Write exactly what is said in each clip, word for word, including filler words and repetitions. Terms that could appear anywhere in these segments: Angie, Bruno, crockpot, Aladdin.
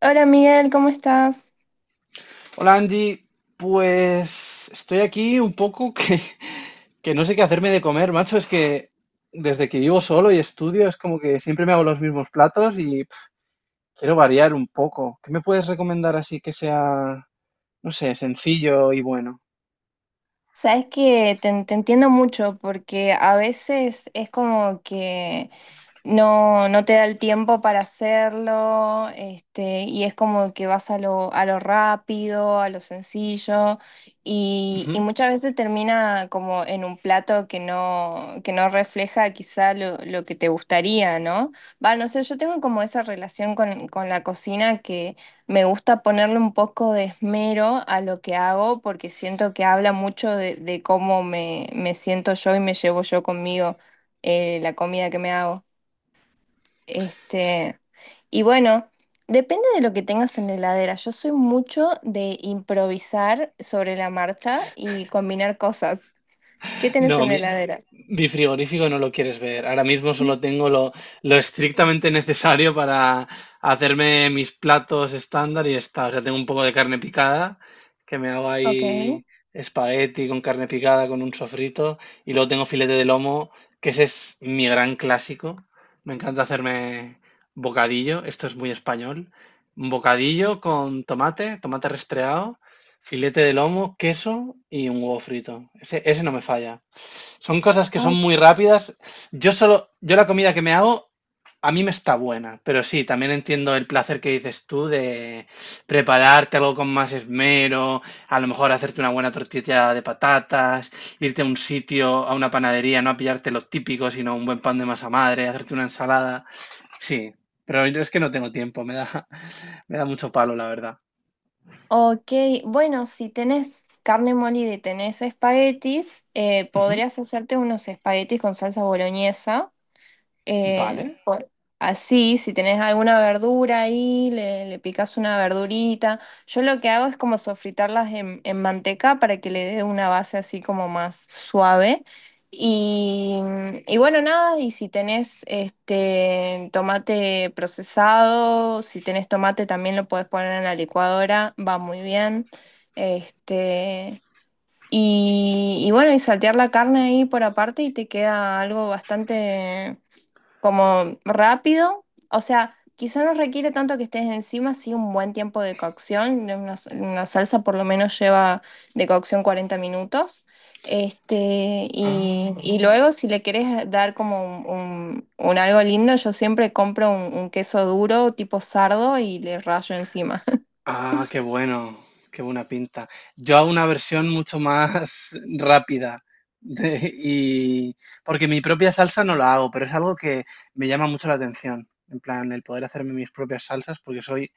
Hola Miguel, ¿cómo estás? Hola Angie, pues estoy aquí un poco que, que no sé qué hacerme de comer, macho. Es que desde que vivo solo y estudio es como que siempre me hago los mismos platos y pf, quiero variar un poco. ¿Qué me puedes recomendar así que sea, no sé, sencillo y bueno? Sabes que te, te entiendo mucho porque a veces es como que no, no te da el tiempo para hacerlo, este, y es como que vas a lo, a lo rápido, a lo sencillo, y, y Ujú. muchas veces termina como en un plato que no, que no refleja quizá lo, lo que te gustaría, ¿no? Va, no sé, yo tengo como esa relación con, con la cocina que me gusta ponerle un poco de esmero a lo que hago, porque siento que habla mucho de, de cómo me, me siento yo y me llevo yo conmigo, eh, la comida que me hago. Este, y bueno, depende de lo que tengas en la heladera. Yo soy mucho de improvisar sobre la marcha y combinar cosas. ¿Qué tenés en No, la mi- heladera? Mi frigorífico no lo quieres ver. Ahora mismo solo tengo lo, lo estrictamente necesario para hacerme mis platos estándar y está. O sea, tengo un poco de carne picada, que me hago Ok. ahí espagueti con carne picada, con un sofrito. Y luego tengo filete de lomo, que ese es mi gran clásico. Me encanta hacerme bocadillo. Esto es muy español. Un bocadillo con tomate, tomate restreado, filete de lomo, queso y un huevo frito. Ese, ese no me falla. Son cosas que Ah. son muy rápidas. Yo solo, yo la comida que me hago, a mí me está buena, pero sí, también entiendo el placer que dices tú de prepararte algo con más esmero, a lo mejor hacerte una buena tortilla de patatas, irte a un sitio, a una panadería, no a pillarte lo típico, sino un buen pan de masa madre, hacerte una ensalada. Sí, pero yo es que no tengo tiempo, me da, me da mucho palo, la verdad. Ok, bueno, si tenés carne molida y tenés espaguetis, eh, Ujú. podrías hacerte unos espaguetis con salsa boloñesa. Vale. Eh, por- Así, si tenés alguna verdura ahí, le, le picás una verdurita. Yo lo que hago es como sofritarlas en, en manteca para que le dé una base así como más suave. Y, y bueno, nada, y si tenés este tomate procesado, si tenés tomate también lo podés poner en la licuadora, va muy bien. Este, y, y bueno, y saltear la carne ahí por aparte y te queda algo bastante como rápido, o sea, quizá no requiere tanto que estés encima, sí un buen tiempo de cocción, de una, una salsa por lo menos lleva de cocción cuarenta minutos, este, y, Ah. y luego si le querés dar como un, un- un algo lindo, yo siempre compro un, un queso duro tipo sardo y le rayo encima. Ah, qué bueno, qué buena pinta. Yo hago una versión mucho más rápida de- y porque mi propia salsa no la hago, pero es algo que me llama mucho la atención. En plan, el poder hacerme mis propias salsas, porque soy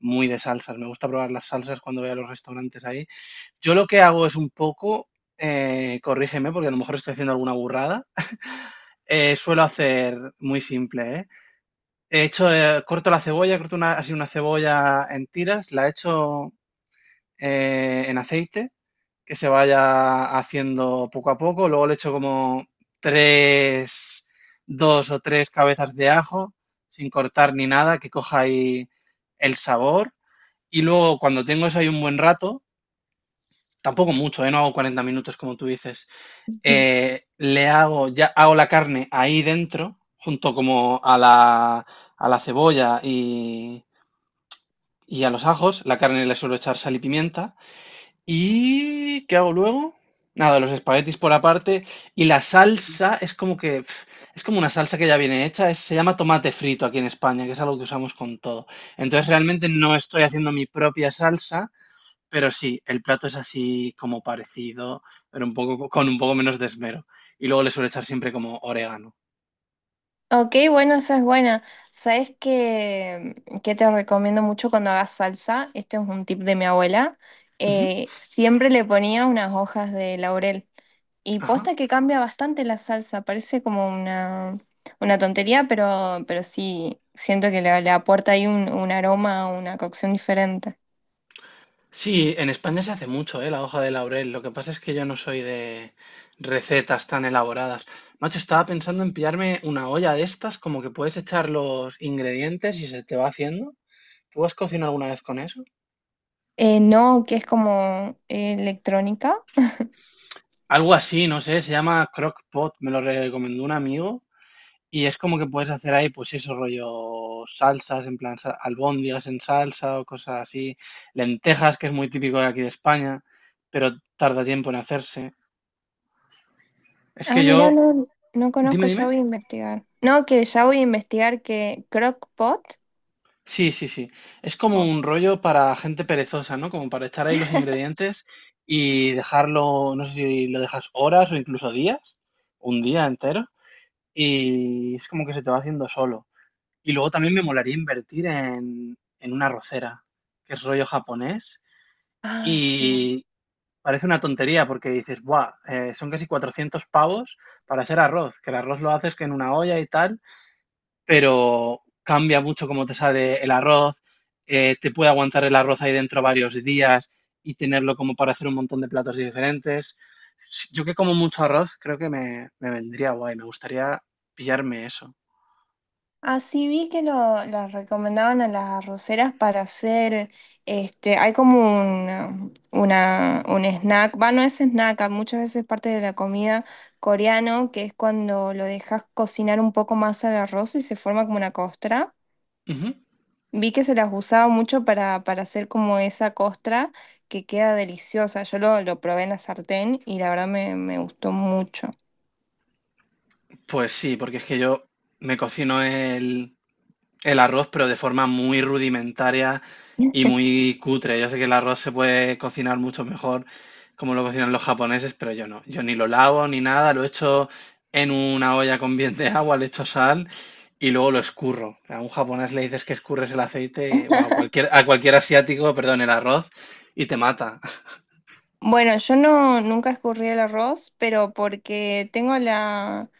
muy de salsas. Me gusta probar las salsas cuando voy a los restaurantes ahí. Yo lo que hago es un poco, eh, corrígeme, porque a lo mejor estoy haciendo alguna burrada. Eh, suelo hacer muy simple, ¿eh? He hecho, eh, corto la cebolla, corto una, así una cebolla en tiras, la echo eh, en aceite, que se vaya haciendo poco a poco. Luego le echo como tres, dos o tres cabezas de ajo, sin cortar ni nada, que coja ahí el sabor. Y luego cuando tengo eso ahí un buen rato, tampoco mucho, ¿eh? No hago cuarenta minutos como tú dices, eh, le hago, ya hago la carne ahí dentro, junto como a la, a la cebolla y, y a los ajos, la carne le suelo echar sal y pimienta. ¿Y qué hago luego? Nada, los espaguetis por aparte. Y la salsa es como que, pf, es como una salsa que ya viene hecha. Es- se llama tomate frito aquí en España, que es algo que usamos con todo. Entonces realmente no estoy haciendo mi propia salsa, pero sí, el plato es así como parecido, pero un poco, con un poco menos de esmero. Y luego le suelo echar siempre como orégano. Ok, bueno, esa es buena. ¿Sabes qué, qué te recomiendo mucho cuando hagas salsa? Este es un tip de mi abuela. Ujú. Eh, siempre le ponía unas hojas de laurel. Y Ajá. posta que cambia bastante la salsa. Parece como una, una tontería, pero, pero sí, siento que le, le aporta ahí un, un aroma, una cocción diferente. Sí, en España se hace mucho, ¿eh? La hoja de laurel. Lo que pasa es que yo no soy de recetas tan elaboradas. Macho, estaba pensando en pillarme una olla de estas, como que puedes echar los ingredientes y se te va haciendo. ¿Tú has cocinado alguna vez con eso? Eh, no, que es como eh, electrónica. Algo así, no sé, se llama crockpot, me lo recomendó un amigo. Y es como que puedes hacer ahí, pues eso, rollo salsas, en plan sa- albóndigas en salsa o cosas así. Lentejas, que es muy típico de aquí de España, pero tarda tiempo en hacerse. Es Ah, que mira, yo... no, no conozco, Dime, ya dime. voy a investigar. No, que ya voy a investigar que crockpot. Sí, sí, sí. Es como un rollo para gente perezosa, ¿no? Como para echar ahí los ingredientes y dejarlo, no sé si lo dejas horas o incluso días, un día entero, y es como que se te va haciendo solo. Y luego también me molaría invertir en, en una arrocera, que es rollo japonés, Ah, sí. y parece una tontería porque dices, ¡buah! eh, son casi cuatrocientos pavos para hacer arroz, que el arroz lo haces que en una olla y tal, pero cambia mucho cómo te sale el arroz, eh, te puede aguantar el arroz ahí dentro varios días y tenerlo como para hacer un montón de platos diferentes. Yo que como mucho arroz, creo que me, me vendría guay, me gustaría pillarme eso. Así vi que lo, las recomendaban a las arroceras para hacer, este, hay como un, una, un snack, va, no es snack, a muchas veces parte de la comida coreano, que es cuando lo dejas cocinar un poco más al arroz y se forma como una costra. Ujú. Vi que se las usaba mucho para, para hacer como esa costra que queda deliciosa. Yo lo, lo probé en la sartén y la verdad me, me gustó mucho. Pues sí, porque es que yo me cocino el, el arroz, pero de forma muy rudimentaria y muy cutre. Yo sé que el arroz se puede cocinar mucho mejor como lo cocinan los japoneses, pero yo no. Yo ni lo lavo ni nada, lo echo en una olla con bien de agua, le echo sal y luego lo escurro. A un japonés le dices que escurres el aceite, o a cualquier, a cualquier asiático, perdón, el arroz, y te mata. Bueno, yo no nunca escurrí el arroz, pero porque tengo la,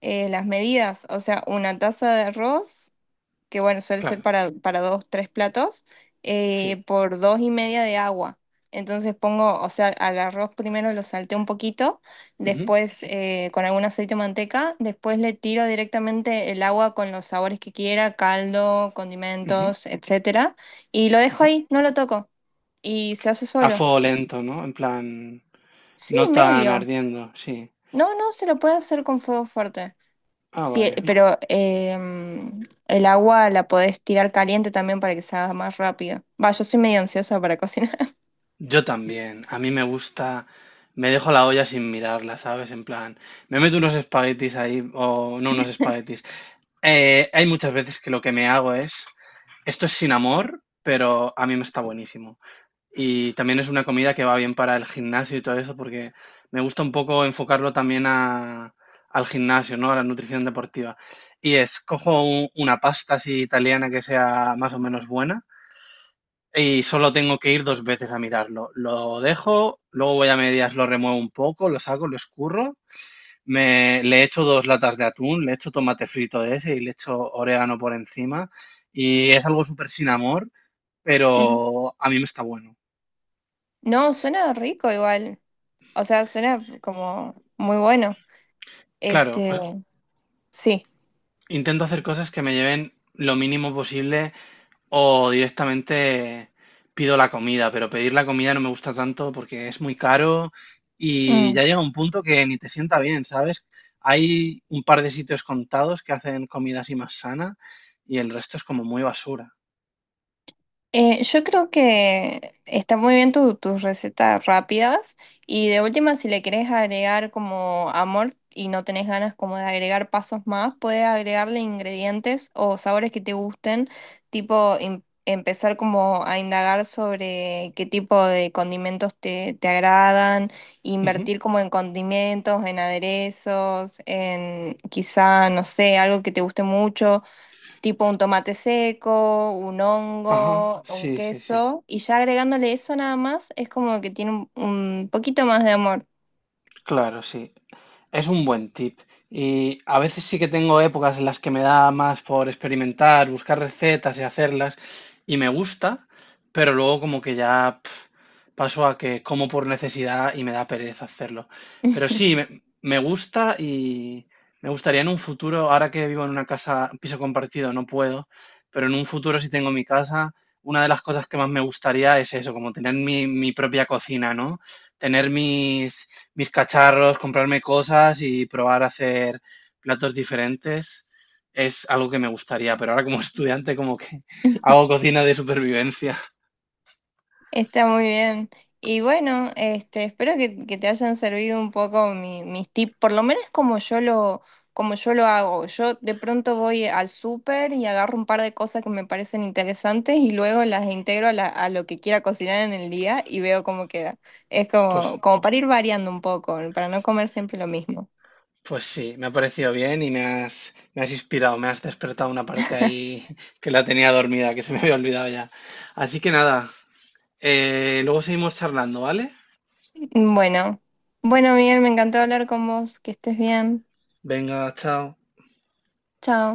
eh, las medidas, o sea, una taza de arroz, que bueno, suele ser Claro, para, para dos, tres platos, sí. eh, por dos y media de agua. Entonces pongo, o sea, al arroz primero lo salteo un poquito, Ujú, después eh, con algún aceite o manteca, después le tiro directamente el agua con los sabores que quiera, caldo, ujú, condimentos, etcétera, y lo dejo ajá. ahí, no lo toco, y se hace A solo. fuego lento, ¿no? En plan, Sí, no tan medio. ardiendo, sí. No, no, se lo puede hacer con fuego fuerte. Ah, Sí, eh, vale. pero em, el agua la podés tirar caliente también para que se haga más rápido. Va, yo soy medio ansiosa para cocinar. Yo también. A mí me gusta. Me dejo la olla sin mirarla, ¿sabes? En plan, me meto unos espaguetis ahí, o no unos espaguetis. Eh, hay muchas veces que lo que me hago es. Esto es sin amor, pero a mí me está buenísimo. Y también es una comida que va bien para el gimnasio y todo eso, porque me gusta un poco enfocarlo también a- al gimnasio, ¿no? A la nutrición deportiva. Y es, cojo un- una pasta así italiana que sea más o menos buena y solo tengo que ir dos veces a mirarlo. Lo dejo, luego voy a medias, lo remuevo un poco, lo saco, lo escurro, me, le echo dos latas de atún, le echo tomate frito de ese y le echo orégano por encima. Y es algo súper sin amor, pero a mí me está bueno. No, suena rico igual. O sea, suena como muy bueno. Claro, o Este, sea, sí. intento hacer cosas que me lleven lo mínimo posible. O directamente pido la comida, pero pedir la comida no me gusta tanto porque es muy caro y Mm. ya llega un punto que ni te sienta bien, ¿sabes? Hay un par de sitios contados que hacen comida así más sana y el resto es como muy basura. Eh, yo creo que está muy bien tu- tus recetas rápidas y de última si le querés agregar como amor y no tenés ganas como de agregar pasos más, podés agregarle ingredientes o sabores que te gusten, tipo em- empezar como a indagar sobre qué tipo de condimentos te, te agradan, Ujú. invertir como en condimentos, en aderezos, en quizá, no sé, algo que te guste mucho tipo un tomate seco, un Ajá, hongo, un sí, sí, sí. queso, y ya agregándole eso nada más, es como que tiene un, un poquito más de amor. Claro, sí. Es un buen tip. Y a veces sí que tengo épocas en las que me da más por experimentar, buscar recetas y hacerlas, y me gusta, pero luego como que ya paso a que como por necesidad y me da pereza hacerlo. Pero sí, me, me gusta y me gustaría en un futuro, ahora que vivo en una casa, piso compartido, no puedo, pero en un futuro si tengo mi casa, una de las cosas que más me gustaría es eso, como tener mi, mi propia cocina, ¿no? Tener mis, mis cacharros, comprarme cosas y probar a hacer platos diferentes. Es algo que me gustaría, pero ahora como estudiante como que hago cocina de supervivencia. Está muy bien. Y bueno, este, espero que, que te hayan servido un poco mi- mis tips, por lo menos como yo lo, como yo lo hago. Yo de pronto voy al súper y agarro un par de cosas que me parecen interesantes y luego las integro a, la- a lo que quiera cocinar en el día y veo cómo queda. Es Pues como, como para ir variando un poco, para no comer siempre lo mismo. Pues sí, me ha parecido bien y me has, me has inspirado, me has despertado una parte ahí que la tenía dormida, que se me había olvidado ya. Así que nada, eh, luego seguimos charlando, ¿vale? Bueno, bueno, Miguel, me encantó hablar con vos. Que estés bien. Venga, chao. Chao.